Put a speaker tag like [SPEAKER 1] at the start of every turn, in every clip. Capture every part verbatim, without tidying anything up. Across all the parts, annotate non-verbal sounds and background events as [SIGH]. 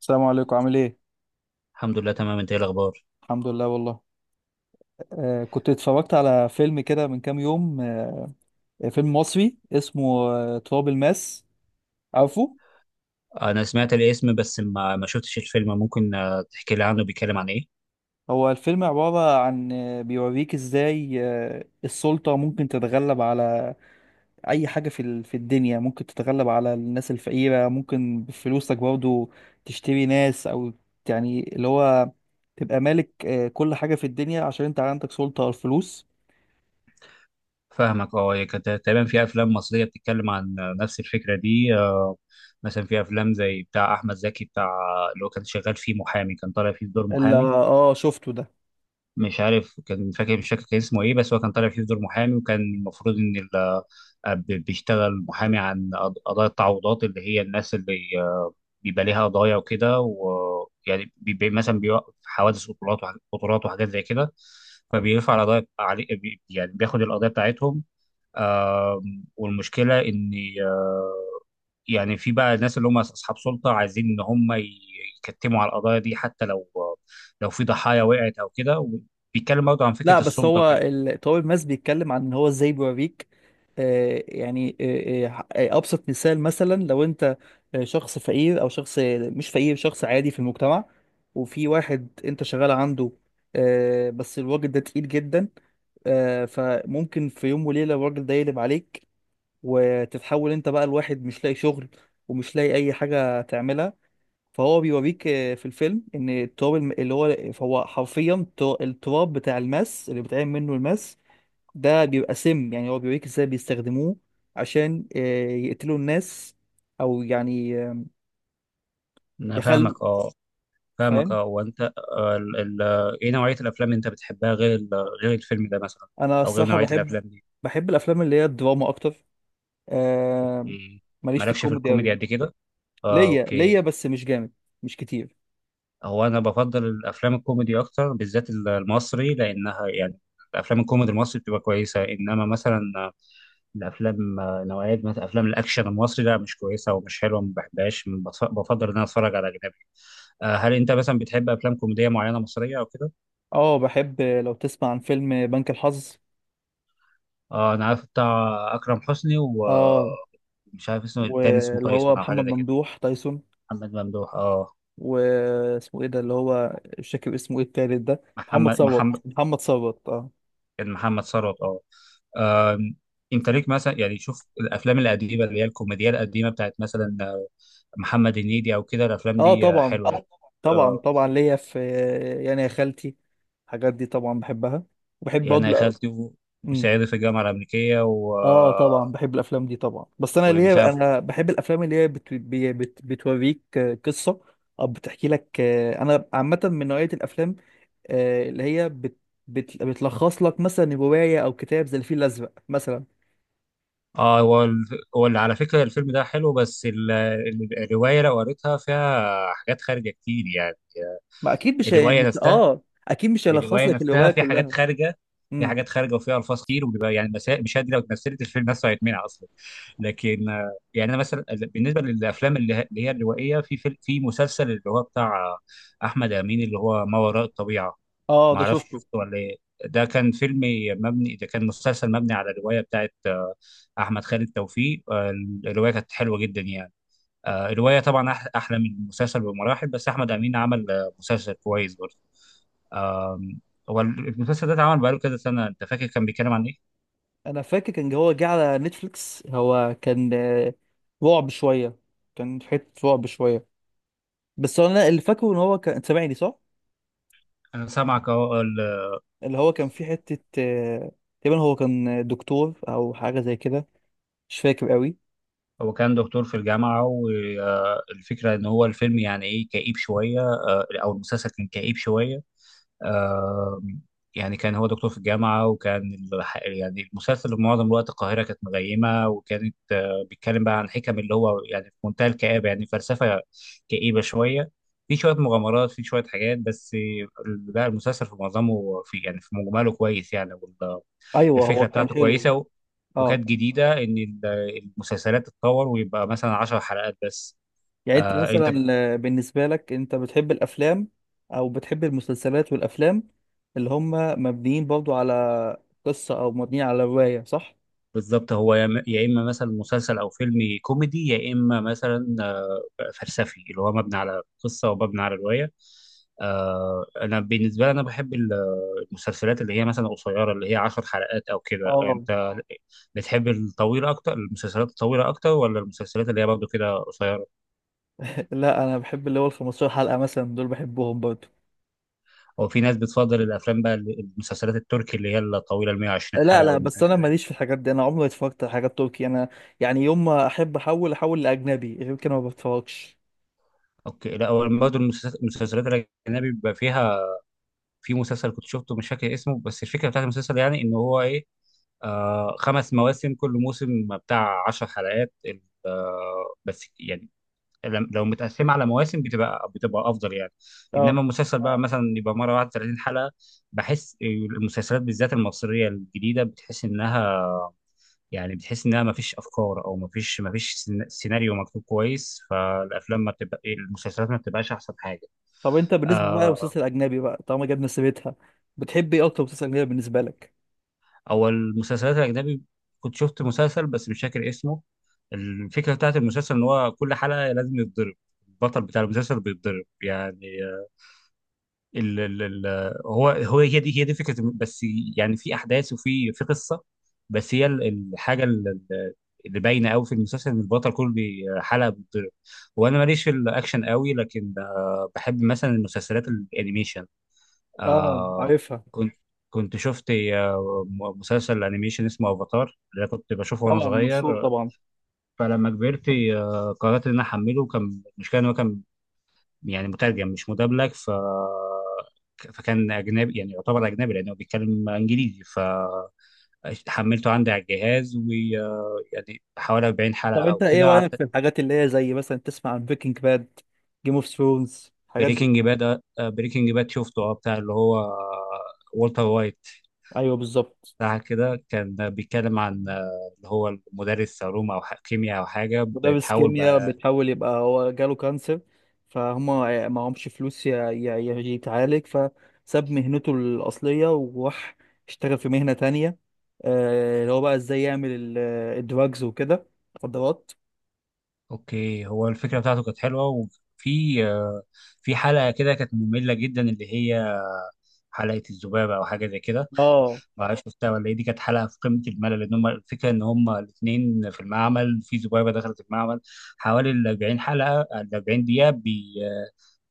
[SPEAKER 1] السلام عليكم، عامل ايه؟
[SPEAKER 2] الحمد لله تمام. انت ايه الاخبار؟
[SPEAKER 1] الحمد لله والله. آه كنت اتفرجت على فيلم كده من كام يوم. آه فيلم مصري اسمه آه تراب الماس، عارفه؟
[SPEAKER 2] انا سمعت الاسم، بس ما ما شفتش الفيلم. ممكن آه، تحكي لي عنه؟ بيتكلم عن ايه؟
[SPEAKER 1] هو الفيلم عبارة عن آه بيوريك ازاي آه السلطة ممكن تتغلب على أي حاجة في ال- في الدنيا، ممكن تتغلب على الناس الفقيرة، ممكن بفلوسك برضه تشتري ناس، أو يعني اللي هو تبقى مالك آه كل حاجة في الدنيا عشان انت عندك سلطة على الفلوس.
[SPEAKER 2] فاهمك اه. هي كانت تقريبا في افلام مصريه بتتكلم عن آه، نفس الفكره دي. آه، مثلا في افلام زي بتاع احمد زكي، بتاع اللي هو كان شغال فيه محامي، كان طالع فيه بدور
[SPEAKER 1] اللي
[SPEAKER 2] محامي.
[SPEAKER 1] اه شفته ده،
[SPEAKER 2] مش عارف، كان فاكر مش فاكر كان اسمه ايه، بس هو كان طالع فيه في دور محامي، وكان المفروض ان ال- آه، ب- بيشتغل محامي عن قض- قضايا التعويضات، اللي هي الناس اللي آه، بيبقى ليها قضايا وكده، ويعني بيبقى مثلا بيوقف حوادث قطورات وح- قطورات وحاجات زي كده. فبيرفع القضايا علي بي- يعني بياخد القضايا بتاعتهم. آم، والمشكله ان آه، يعني في بقى ناس اللي هم اصحاب سلطه عايزين ان هم ي- يكتموا على القضايا دي، حتى لو لو في ضحايا وقعت او كده. بيتكلم برضه عن
[SPEAKER 1] لا
[SPEAKER 2] فكره
[SPEAKER 1] بس
[SPEAKER 2] السلطه
[SPEAKER 1] هو
[SPEAKER 2] وكده.
[SPEAKER 1] ال- طارق ماس بيتكلم عن ان هو ازاي بيوريك. آه، يعني آه، آه، آه، ابسط مثال، مثلا لو انت آه، شخص فقير او شخص مش فقير، شخص عادي في المجتمع، وفي واحد انت شغال عنده، آه، بس الراجل ده تقيل جدا. آه، فممكن في يوم وليلة الراجل ده يقلب عليك، وتتحول انت بقى لواحد مش لاقي شغل، ومش لاقي اي حاجة تعملها. فهو بيوريك آه، في الفيلم ان التراب الم- اللي هو، فهو حرفيا تو- التراب بتاع الماس اللي بيتعمل منه الماس ده بيبقى سم، يعني هو بيوريك ازاي بيستخدموه عشان آه، يقتلوا الناس، او يعني آه،
[SPEAKER 2] انا
[SPEAKER 1] يخل.
[SPEAKER 2] فاهمك اه. فاهمك
[SPEAKER 1] فاهم.
[SPEAKER 2] اه وانت، آه، ال- ال- ايه نوعيه الافلام اللي انت بتحبها غير ال- غير الفيلم ده مثلا،
[SPEAKER 1] انا
[SPEAKER 2] او غير
[SPEAKER 1] الصراحة
[SPEAKER 2] نوعيه
[SPEAKER 1] بحب
[SPEAKER 2] الافلام دي؟
[SPEAKER 1] بحب الافلام اللي هي الدراما اكتر. آه، ماليش في
[SPEAKER 2] مالكش في
[SPEAKER 1] الكوميدي
[SPEAKER 2] الكوميدي
[SPEAKER 1] قوي،
[SPEAKER 2] قد كده. آه،
[SPEAKER 1] ليا ليا
[SPEAKER 2] اوكي.
[SPEAKER 1] بس مش جامد، مش كتير.
[SPEAKER 2] هو انا بفضل الافلام الكوميدي اكتر، بالذات المصري، لانها يعني الافلام الكوميدي المصري بتبقى كويسه. انما مثلا الافلام نوعيه مثلا افلام الاكشن المصري لا، مش كويسه ومش حلوه، ما بحبهاش. بف- بفضل ان انا اتفرج على اجنبي. آه، هل انت مثلا بتحب افلام كوميديه معينه مصريه او كده؟
[SPEAKER 1] اه بحب. آه، لو تسمع عن فيلم بنك الحظ،
[SPEAKER 2] آه، انا عارف بتاع اكرم حسني.
[SPEAKER 1] اه،
[SPEAKER 2] ومش عارف اسمه إيه، التاني اسمه
[SPEAKER 1] واللي هو
[SPEAKER 2] تايسون او حاجه
[SPEAKER 1] محمد
[SPEAKER 2] زي كده.
[SPEAKER 1] ممدوح تايسون،
[SPEAKER 2] محمد ممدوح، اه.
[SPEAKER 1] واسمه ايه ده اللي هو، مش فاكر اسمه ايه التالت ده، محمد
[SPEAKER 2] محمد
[SPEAKER 1] صوت،
[SPEAKER 2] محمد
[SPEAKER 1] محمد صوت اه.
[SPEAKER 2] كان محمد ثروت، اه. آم، انت ليك مثلا، يعني شوف الافلام القديمه اللي هي الكوميديا القديمه بتاعت مثلا آه، محمد هنيدي او كده، الافلام
[SPEAKER 1] اه
[SPEAKER 2] دي آه،
[SPEAKER 1] طبعا،
[SPEAKER 2] حلوه، اه. يعني
[SPEAKER 1] طبعا
[SPEAKER 2] آه،
[SPEAKER 1] طبعا ليا في، يعني يا خالتي الحاجات دي طبعا بحبها، وبحب
[SPEAKER 2] يعني يا
[SPEAKER 1] برضه.
[SPEAKER 2] خالتي و-
[SPEAKER 1] امم،
[SPEAKER 2] وصعيدي في الجامعه الامريكيه و
[SPEAKER 1] اه طبعا
[SPEAKER 2] آه،
[SPEAKER 1] بحب الافلام دي طبعا، بس انا
[SPEAKER 2] ومش
[SPEAKER 1] ليا،
[SPEAKER 2] عارف،
[SPEAKER 1] انا بحب الافلام اللي هي بت... بي- بت... بتوريك قصة، او بتحكي لك. آه، انا عامة من نوعية الافلام آه، اللي هي بت... بت... بتلخص لك مثلا رواية او كتاب زي الفيل الازرق مثلا.
[SPEAKER 2] اه. هو ال- هو اللي على فكره الفيلم ده حلو، بس ال- ال- الروايه لو قريتها فيها حاجات خارجه كتير يعني.
[SPEAKER 1] ما اكيد
[SPEAKER 2] آه،
[SPEAKER 1] مش هي...
[SPEAKER 2] الروايه
[SPEAKER 1] مش
[SPEAKER 2] نفسها،
[SPEAKER 1] اه اكيد مش
[SPEAKER 2] يعني
[SPEAKER 1] هيلخص
[SPEAKER 2] الروايه
[SPEAKER 1] لك
[SPEAKER 2] نفسها
[SPEAKER 1] الروايه
[SPEAKER 2] في حاجات
[SPEAKER 1] كلها.
[SPEAKER 2] خارجه، في
[SPEAKER 1] امم،
[SPEAKER 2] حاجات خارجه، وفيها الفاظ كتير، وبيبقى يعني المسا- المشاهد دي لو اتمثلت الفيلم نفسه هيتمنع اصلا. لكن آه، يعني انا مثلا بالنسبه للافلام اللي ه- اللي هي الروائيه، في فيلم، في مسلسل اللي هو بتاع آه، احمد امين، اللي هو ما وراء الطبيعه.
[SPEAKER 1] اه
[SPEAKER 2] ما
[SPEAKER 1] ده
[SPEAKER 2] اعرفش
[SPEAKER 1] شفته.
[SPEAKER 2] شفته ولا ايه؟ ده كان فيلم مبني ده كان مسلسل مبني على روايه بتاعت آه، احمد خالد توفيق. آه، الروايه كانت حلوه جدا يعني. آه، الروايه طبعا أح- احلى من المسلسل بمراحل، بس احمد امين عمل آه، مسلسل كويس برضه. هو المسلسل ده اتعمل بقاله كذا سنة. انت فاكر كان بيتكلم عن ايه؟
[SPEAKER 1] انا فاكر كان هو جه على نتفليكس، هو كان آه، رعب شويه، كان في حته رعب شويه، بس انا اللي فاكره ان هو كان سامعني صح.
[SPEAKER 2] انا سامعك اهو. ال-
[SPEAKER 1] اللي هو كان في حته آه، تقريبا هو كان دكتور او حاجه زي كده، مش فاكر قوي.
[SPEAKER 2] هو كان دكتور في الجامعة، والفكرة ان هو الفيلم يعني ايه، كئيب شوية، آه، او المسلسل كان كئيب شوية. آه، يعني كان هو دكتور في الجامعة، وكان الح- يعني المسلسل معظم الوقت القاهرة كانت مغيمة، وكانت آه، بيتكلم بقى عن حكم اللي هو يعني في منتهى الكآبة، يعني فلسفة كئيبة شوية. في شوية مغامرات، في شوية حاجات، بس ال- لا، المسلسل في معظمه، في يعني في مجمله كويس يعني.
[SPEAKER 1] ايوه هو
[SPEAKER 2] الفكره
[SPEAKER 1] كان
[SPEAKER 2] بتاعته
[SPEAKER 1] حلو.
[SPEAKER 2] كويسه. و...
[SPEAKER 1] اه،
[SPEAKER 2] وكانت جديده ان ال- المسلسلات تتطور، ويبقى مثلا 10 حلقات بس.
[SPEAKER 1] يعني انت
[SPEAKER 2] آه انت بت-
[SPEAKER 1] مثلا آه، بالنسبة لك انت بتحب الافلام، او بتحب المسلسلات والافلام اللي هم مبنيين برضو على قصة، او مبنيين على رواية، صح؟
[SPEAKER 2] بالظبط. هو يا يا اما مثلا مسلسل او فيلم كوميدي، يا اما مثلا آه، فلسفي، اللي هو مبني على قصه ومبني على روايه. آه انا بالنسبه لي انا بحب ال- المسلسلات اللي هي مثلا قصيره، اللي هي 10 حلقات او كده.
[SPEAKER 1] اه.
[SPEAKER 2] انت بتحب الطويله اكتر؟ المسلسلات الطويله اكتر، ولا المسلسلات اللي هي برضه كده قصيره؟
[SPEAKER 1] [LAUGHS] لا انا بحب اللي هو ال خمستاشر حلقة مثلا، دول بحبهم برضو.
[SPEAKER 2] هو في ناس بتفضل الافلام بقى، اللي- المسلسلات التركي اللي هي الطويله، ال
[SPEAKER 1] آه،
[SPEAKER 2] مية وعشرين حلقة
[SPEAKER 1] لا
[SPEAKER 2] حلقه او
[SPEAKER 1] لا، بس
[SPEAKER 2] ميتين حلقة
[SPEAKER 1] انا
[SPEAKER 2] حلقه
[SPEAKER 1] ماليش في
[SPEAKER 2] دي.
[SPEAKER 1] الحاجات دي، انا عمري ما اتفرجت على حاجات تركي، انا يعني يوم ما احب احول، احول لاجنبي، غير كده ما بتفرجش.
[SPEAKER 2] اوكي. لا، هو برضه المسلس- المسلسلات الاجنبي بيبقى فيها، في مسلسل كنت شفته مش فاكر اسمه، بس الفكره بتاعت المسلسل يعني ان هو ايه، آه خمس مواسم، كل موسم بتاع 10 حلقات ال- آه بس يعني لم- لو متقسمه على مواسم بتبقى بتبقى افضل يعني.
[SPEAKER 1] اه،
[SPEAKER 2] انما المسلسل بقى مثلا يبقى مره واحده ثلاثين حلقة حلقه. بحس المسلسلات بالذات المصريه الجديده بتحس انها، يعني بتحس انها ما فيش افكار، او ما فيش ما فيش سين- سيناريو مكتوب كويس. فالافلام ما بتبقى المسلسلات ما بتبقاش احسن حاجه.
[SPEAKER 1] طب انت بالنسبة بقى
[SPEAKER 2] آه،
[SPEAKER 1] للمسلسل الاجنبي، بقى طالما جبنا سيرتها، بتحب ايه اكتر مسلسل اجنبي بالنسبة لك؟
[SPEAKER 2] او المسلسلات الاجنبي، كنت شفت مسلسل بس مش فاكر اسمه. الفكره بتاعت المسلسل ان هو كل حلقه لازم يتضرب البطل بتاع المسلسل، بيتضرب يعني. ال ال ال هو هو هي دي هي دي فكره الم- بس يعني في احداث، وفي في قصه. بس هي ال- الحاجه ال- ال- اللي باينه قوي في المسلسل ان البطل كل حلقه بيتضرب. وانا ماليش في الاكشن قوي، لكن آه، بحب مثلا المسلسلات الانيميشن.
[SPEAKER 1] اه
[SPEAKER 2] آه
[SPEAKER 1] عارفها.
[SPEAKER 2] كنت كنت شفت آه، م- مسلسل انيميشن اسمه افاتار، اللي أنا كنت بشوفه وانا
[SPEAKER 1] طبعا مشهور
[SPEAKER 2] صغير.
[SPEAKER 1] طبعا.
[SPEAKER 2] فلما كبرت آه، قررت ان انا احمله. كان مش كان هو كان يعني مترجم مش مدبلج، ف فكان اجنبي، يعني يعتبر اجنبي لانه بيتكلم انجليزي. فحملته عندي على الجهاز، ويعني حوالي اربعين حلقة
[SPEAKER 1] طب
[SPEAKER 2] حلقه او
[SPEAKER 1] انت ايه
[SPEAKER 2] كده
[SPEAKER 1] رايك في
[SPEAKER 2] قعدت.
[SPEAKER 1] الحاجات اللي هي زي مثلا تسمع عن بريكنج باد، جيم اوف ثرونز، الحاجات دي؟
[SPEAKER 2] بريكنج باد بريكنج باد شفته، اه، بتاع اللي هو والتر وايت،
[SPEAKER 1] ايوه بالظبط.
[SPEAKER 2] بتاع كده. كان بيتكلم عن آه، اللي هو المدرس علوم او ح- كيمياء او حاجه،
[SPEAKER 1] مدرس
[SPEAKER 2] بتحاول
[SPEAKER 1] كيمياء،
[SPEAKER 2] بقى.
[SPEAKER 1] بتحاول يبقى هو جاله كانسر، فهم معهمش فلوس ي- ي- ي- يتعالج، فساب مهنته الاصليه وراح اشتغل في مهنه تانية. آه، اللي هو بقى ازاي يعمل ال- الدراجز وكده، مخدرات.
[SPEAKER 2] اوكي، هو الفكره بتاعته كانت حلوه، وفي آه، في حلقه كده كانت ممله جدا، اللي هي حلقه الذبابه او حاجه زي كده.
[SPEAKER 1] اه.
[SPEAKER 2] ما عرفش مستوى ولا ايه. دي كانت حلقه في قمه الملل، لان هم الفكره ان هم الاثنين في المعمل، في ذبابه دخلت المعمل حوالي ال اربعين حلقة حلقه، ال اربعين دقيقة دقيقه بي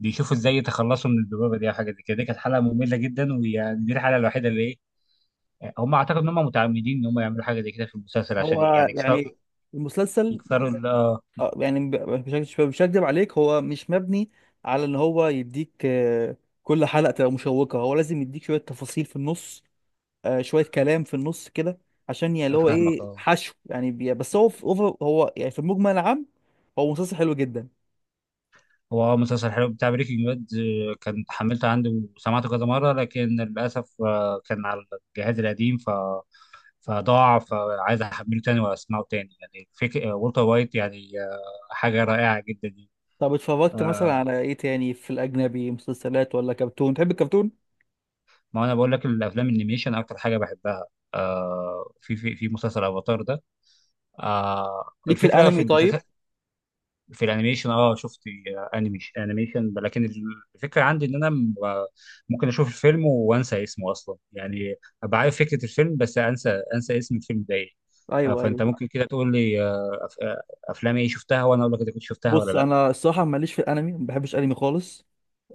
[SPEAKER 2] بيشوفوا ازاي يتخلصوا من الذبابه دي او حاجه زي كده. دي كانت حلقه ممله جدا، ويعني دي الحلقه الوحيده اللي ايه، هم اعتقد ان هم متعمدين ان هم يعملوا حاجه زي كده في المسلسل، عشان
[SPEAKER 1] هو
[SPEAKER 2] يعني يكسروا
[SPEAKER 1] يعني المسلسل،
[SPEAKER 2] يكسروا ال-
[SPEAKER 1] آه، يعني ب- مش هك- مش هكدب عليك، هو مش مبني على ان هو يديك آه، كل حلقه تبقى مشوقه، هو لازم يديك شويه تفاصيل في النص، آه، شويه كلام في النص كده عشان يعني اللي
[SPEAKER 2] آه،
[SPEAKER 1] هو
[SPEAKER 2] فاهمك
[SPEAKER 1] ايه،
[SPEAKER 2] اه.
[SPEAKER 1] حشو يعني، بي- بس هو في أوفر، هو يعني في المجمل العام هو مسلسل حلو جدا.
[SPEAKER 2] هو اه مسلسل حلو بتاع بريكنج باد. آه، كان حملته عندي وسمعته كذا مره، لكن للاسف آه، كان على الجهاز القديم فضاع. فعايز احمله تاني واسمعه تاني، يعني فيك والتر وايت، يعني آه، حاجه رائعه جدا يعني.
[SPEAKER 1] طب اتفرجت مثلا
[SPEAKER 2] آه،
[SPEAKER 1] على ايه تاني في الاجنبي، مسلسلات ولا كرتون؟ تحب الكرتون،
[SPEAKER 2] ما انا بقول لك الافلام الانيميشن اكتر حاجه بحبها. آه، في في في مسلسل افاتار ده، آه،
[SPEAKER 1] ليك في
[SPEAKER 2] الفكره في
[SPEAKER 1] الانمي؟
[SPEAKER 2] المسلسل،
[SPEAKER 1] طيب.
[SPEAKER 2] في الانيميشن، اه. شفت انيميشن، انيميشن لكن الفكره عندي ان انا م- ممكن اشوف الفيلم وانسى اسمه اصلا يعني. ابقى عارف فكره الفيلم، بس انسى انسى اسم الفيلم ده ايه. آه،
[SPEAKER 1] ايوه
[SPEAKER 2] فانت
[SPEAKER 1] ايوه.
[SPEAKER 2] ممكن كده تقول لي آه، أف- آه، افلام ايه شفتها، وانا اقول لك اذا كنت شفتها ولا
[SPEAKER 1] بص
[SPEAKER 2] لا.
[SPEAKER 1] انا الصراحه ماليش في الانمي، ما بحبش انمي خالص.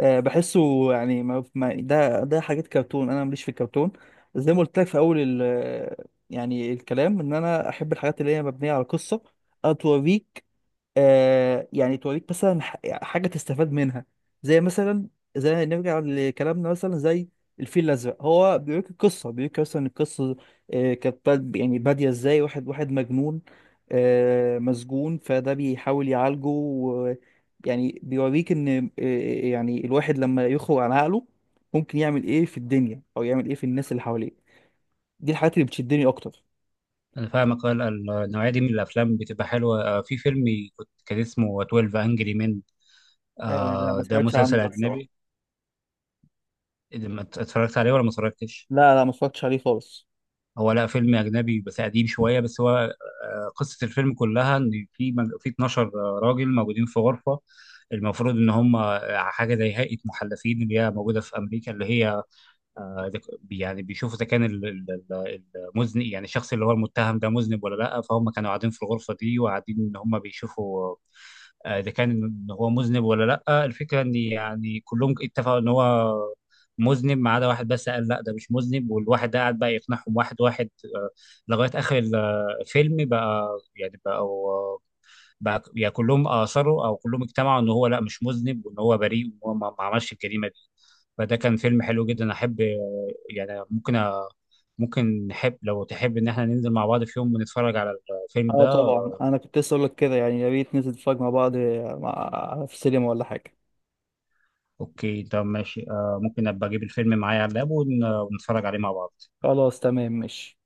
[SPEAKER 1] أه بحسه يعني ما ما ده ده حاجات كرتون، انا ماليش في الكرتون. زي ما قلت لك في اول ال يعني الكلام، ان انا احب الحاجات اللي هي مبنيه على قصه، أو توريك. آه يعني توريك مثلا ح- حاجة تستفاد منها، زي مثلا، زي نرجع لكلامنا، مثلا زي الفيل الأزرق، هو بيوريك القصة، بيوريك مثلا القصة. آه كانت باد- يعني بادية ازاي واحد، واحد مجنون، آه مسجون، فده بيحاول يعالجه، و يعني بيوريك ان آه يعني الواحد لما يخرج عن عقله ممكن يعمل ايه في الدنيا، او يعمل ايه في الناس اللي حواليه. دي الحاجات اللي بتشدني اكتر.
[SPEAKER 2] انا فاهمك. آه، ال- النوعيه دي من الافلام بتبقى حلوه. آه، في فيلم كنت- كان اسمه اتناشر انجري مان انجري مان.
[SPEAKER 1] آه لا ما
[SPEAKER 2] ده
[SPEAKER 1] سمعتش عنه
[SPEAKER 2] مسلسل
[SPEAKER 1] ده
[SPEAKER 2] اجنبي،
[SPEAKER 1] الصراحة.
[SPEAKER 2] إذا ما ات- اتفرجت عليه ولا ما اتفرجتش؟
[SPEAKER 1] لا لا ما اتفرجتش عليه خالص.
[SPEAKER 2] هو، لا، فيلم اجنبي بس قديم شويه. بس هو آه، قصه الفيلم كلها ان في مج- في 12 راجل موجودين في غرفه، المفروض ان هم آه، حاجه زي هيئه محلفين اللي هي موجوده في امريكا، اللي هي آه، إذا ك- يعني بيشوفوا اذا كان ال- ال- ال- المذنب، يعني الشخص اللي هو المتهم ده مذنب ولا لا. فهم كانوا قاعدين في الغرفه دي، وقاعدين ان هم بيشوفوا آه، اذا كان ان هو مذنب ولا لا. الفكره ان يعني كلهم اتفقوا ان هو مذنب، ما عدا واحد بس قال لا ده مش مذنب، والواحد ده قاعد بقى يقنعهم واحد واحد آه، لغايه اخر ال- الفيلم بقى، يعني بقوا، بقى يعني كلهم اثروا او كلهم اجتمعوا ان هو لا مش مذنب، وان هو بريء، وان هو ما ما عملش الجريمه. فده كان فيلم حلو جدا. احب آه، يعني ممكن آه، ممكن نحب لو تحب ان احنا ننزل مع بعض في يوم، ونتفرج على الفيلم
[SPEAKER 1] اه
[SPEAKER 2] ده.
[SPEAKER 1] طبعا، انا كنت لسه اقول لك كده، يعني يا ريت ننزل نتفرج مع بعض، مع... في السينما ولا حاجه.
[SPEAKER 2] اوكي، طب ماشي. آه، ممكن ابقى اجيب الفيلم معايا على اللاب، ون- ونتفرج عليه مع بعض.
[SPEAKER 1] خلاص تمام ماشي.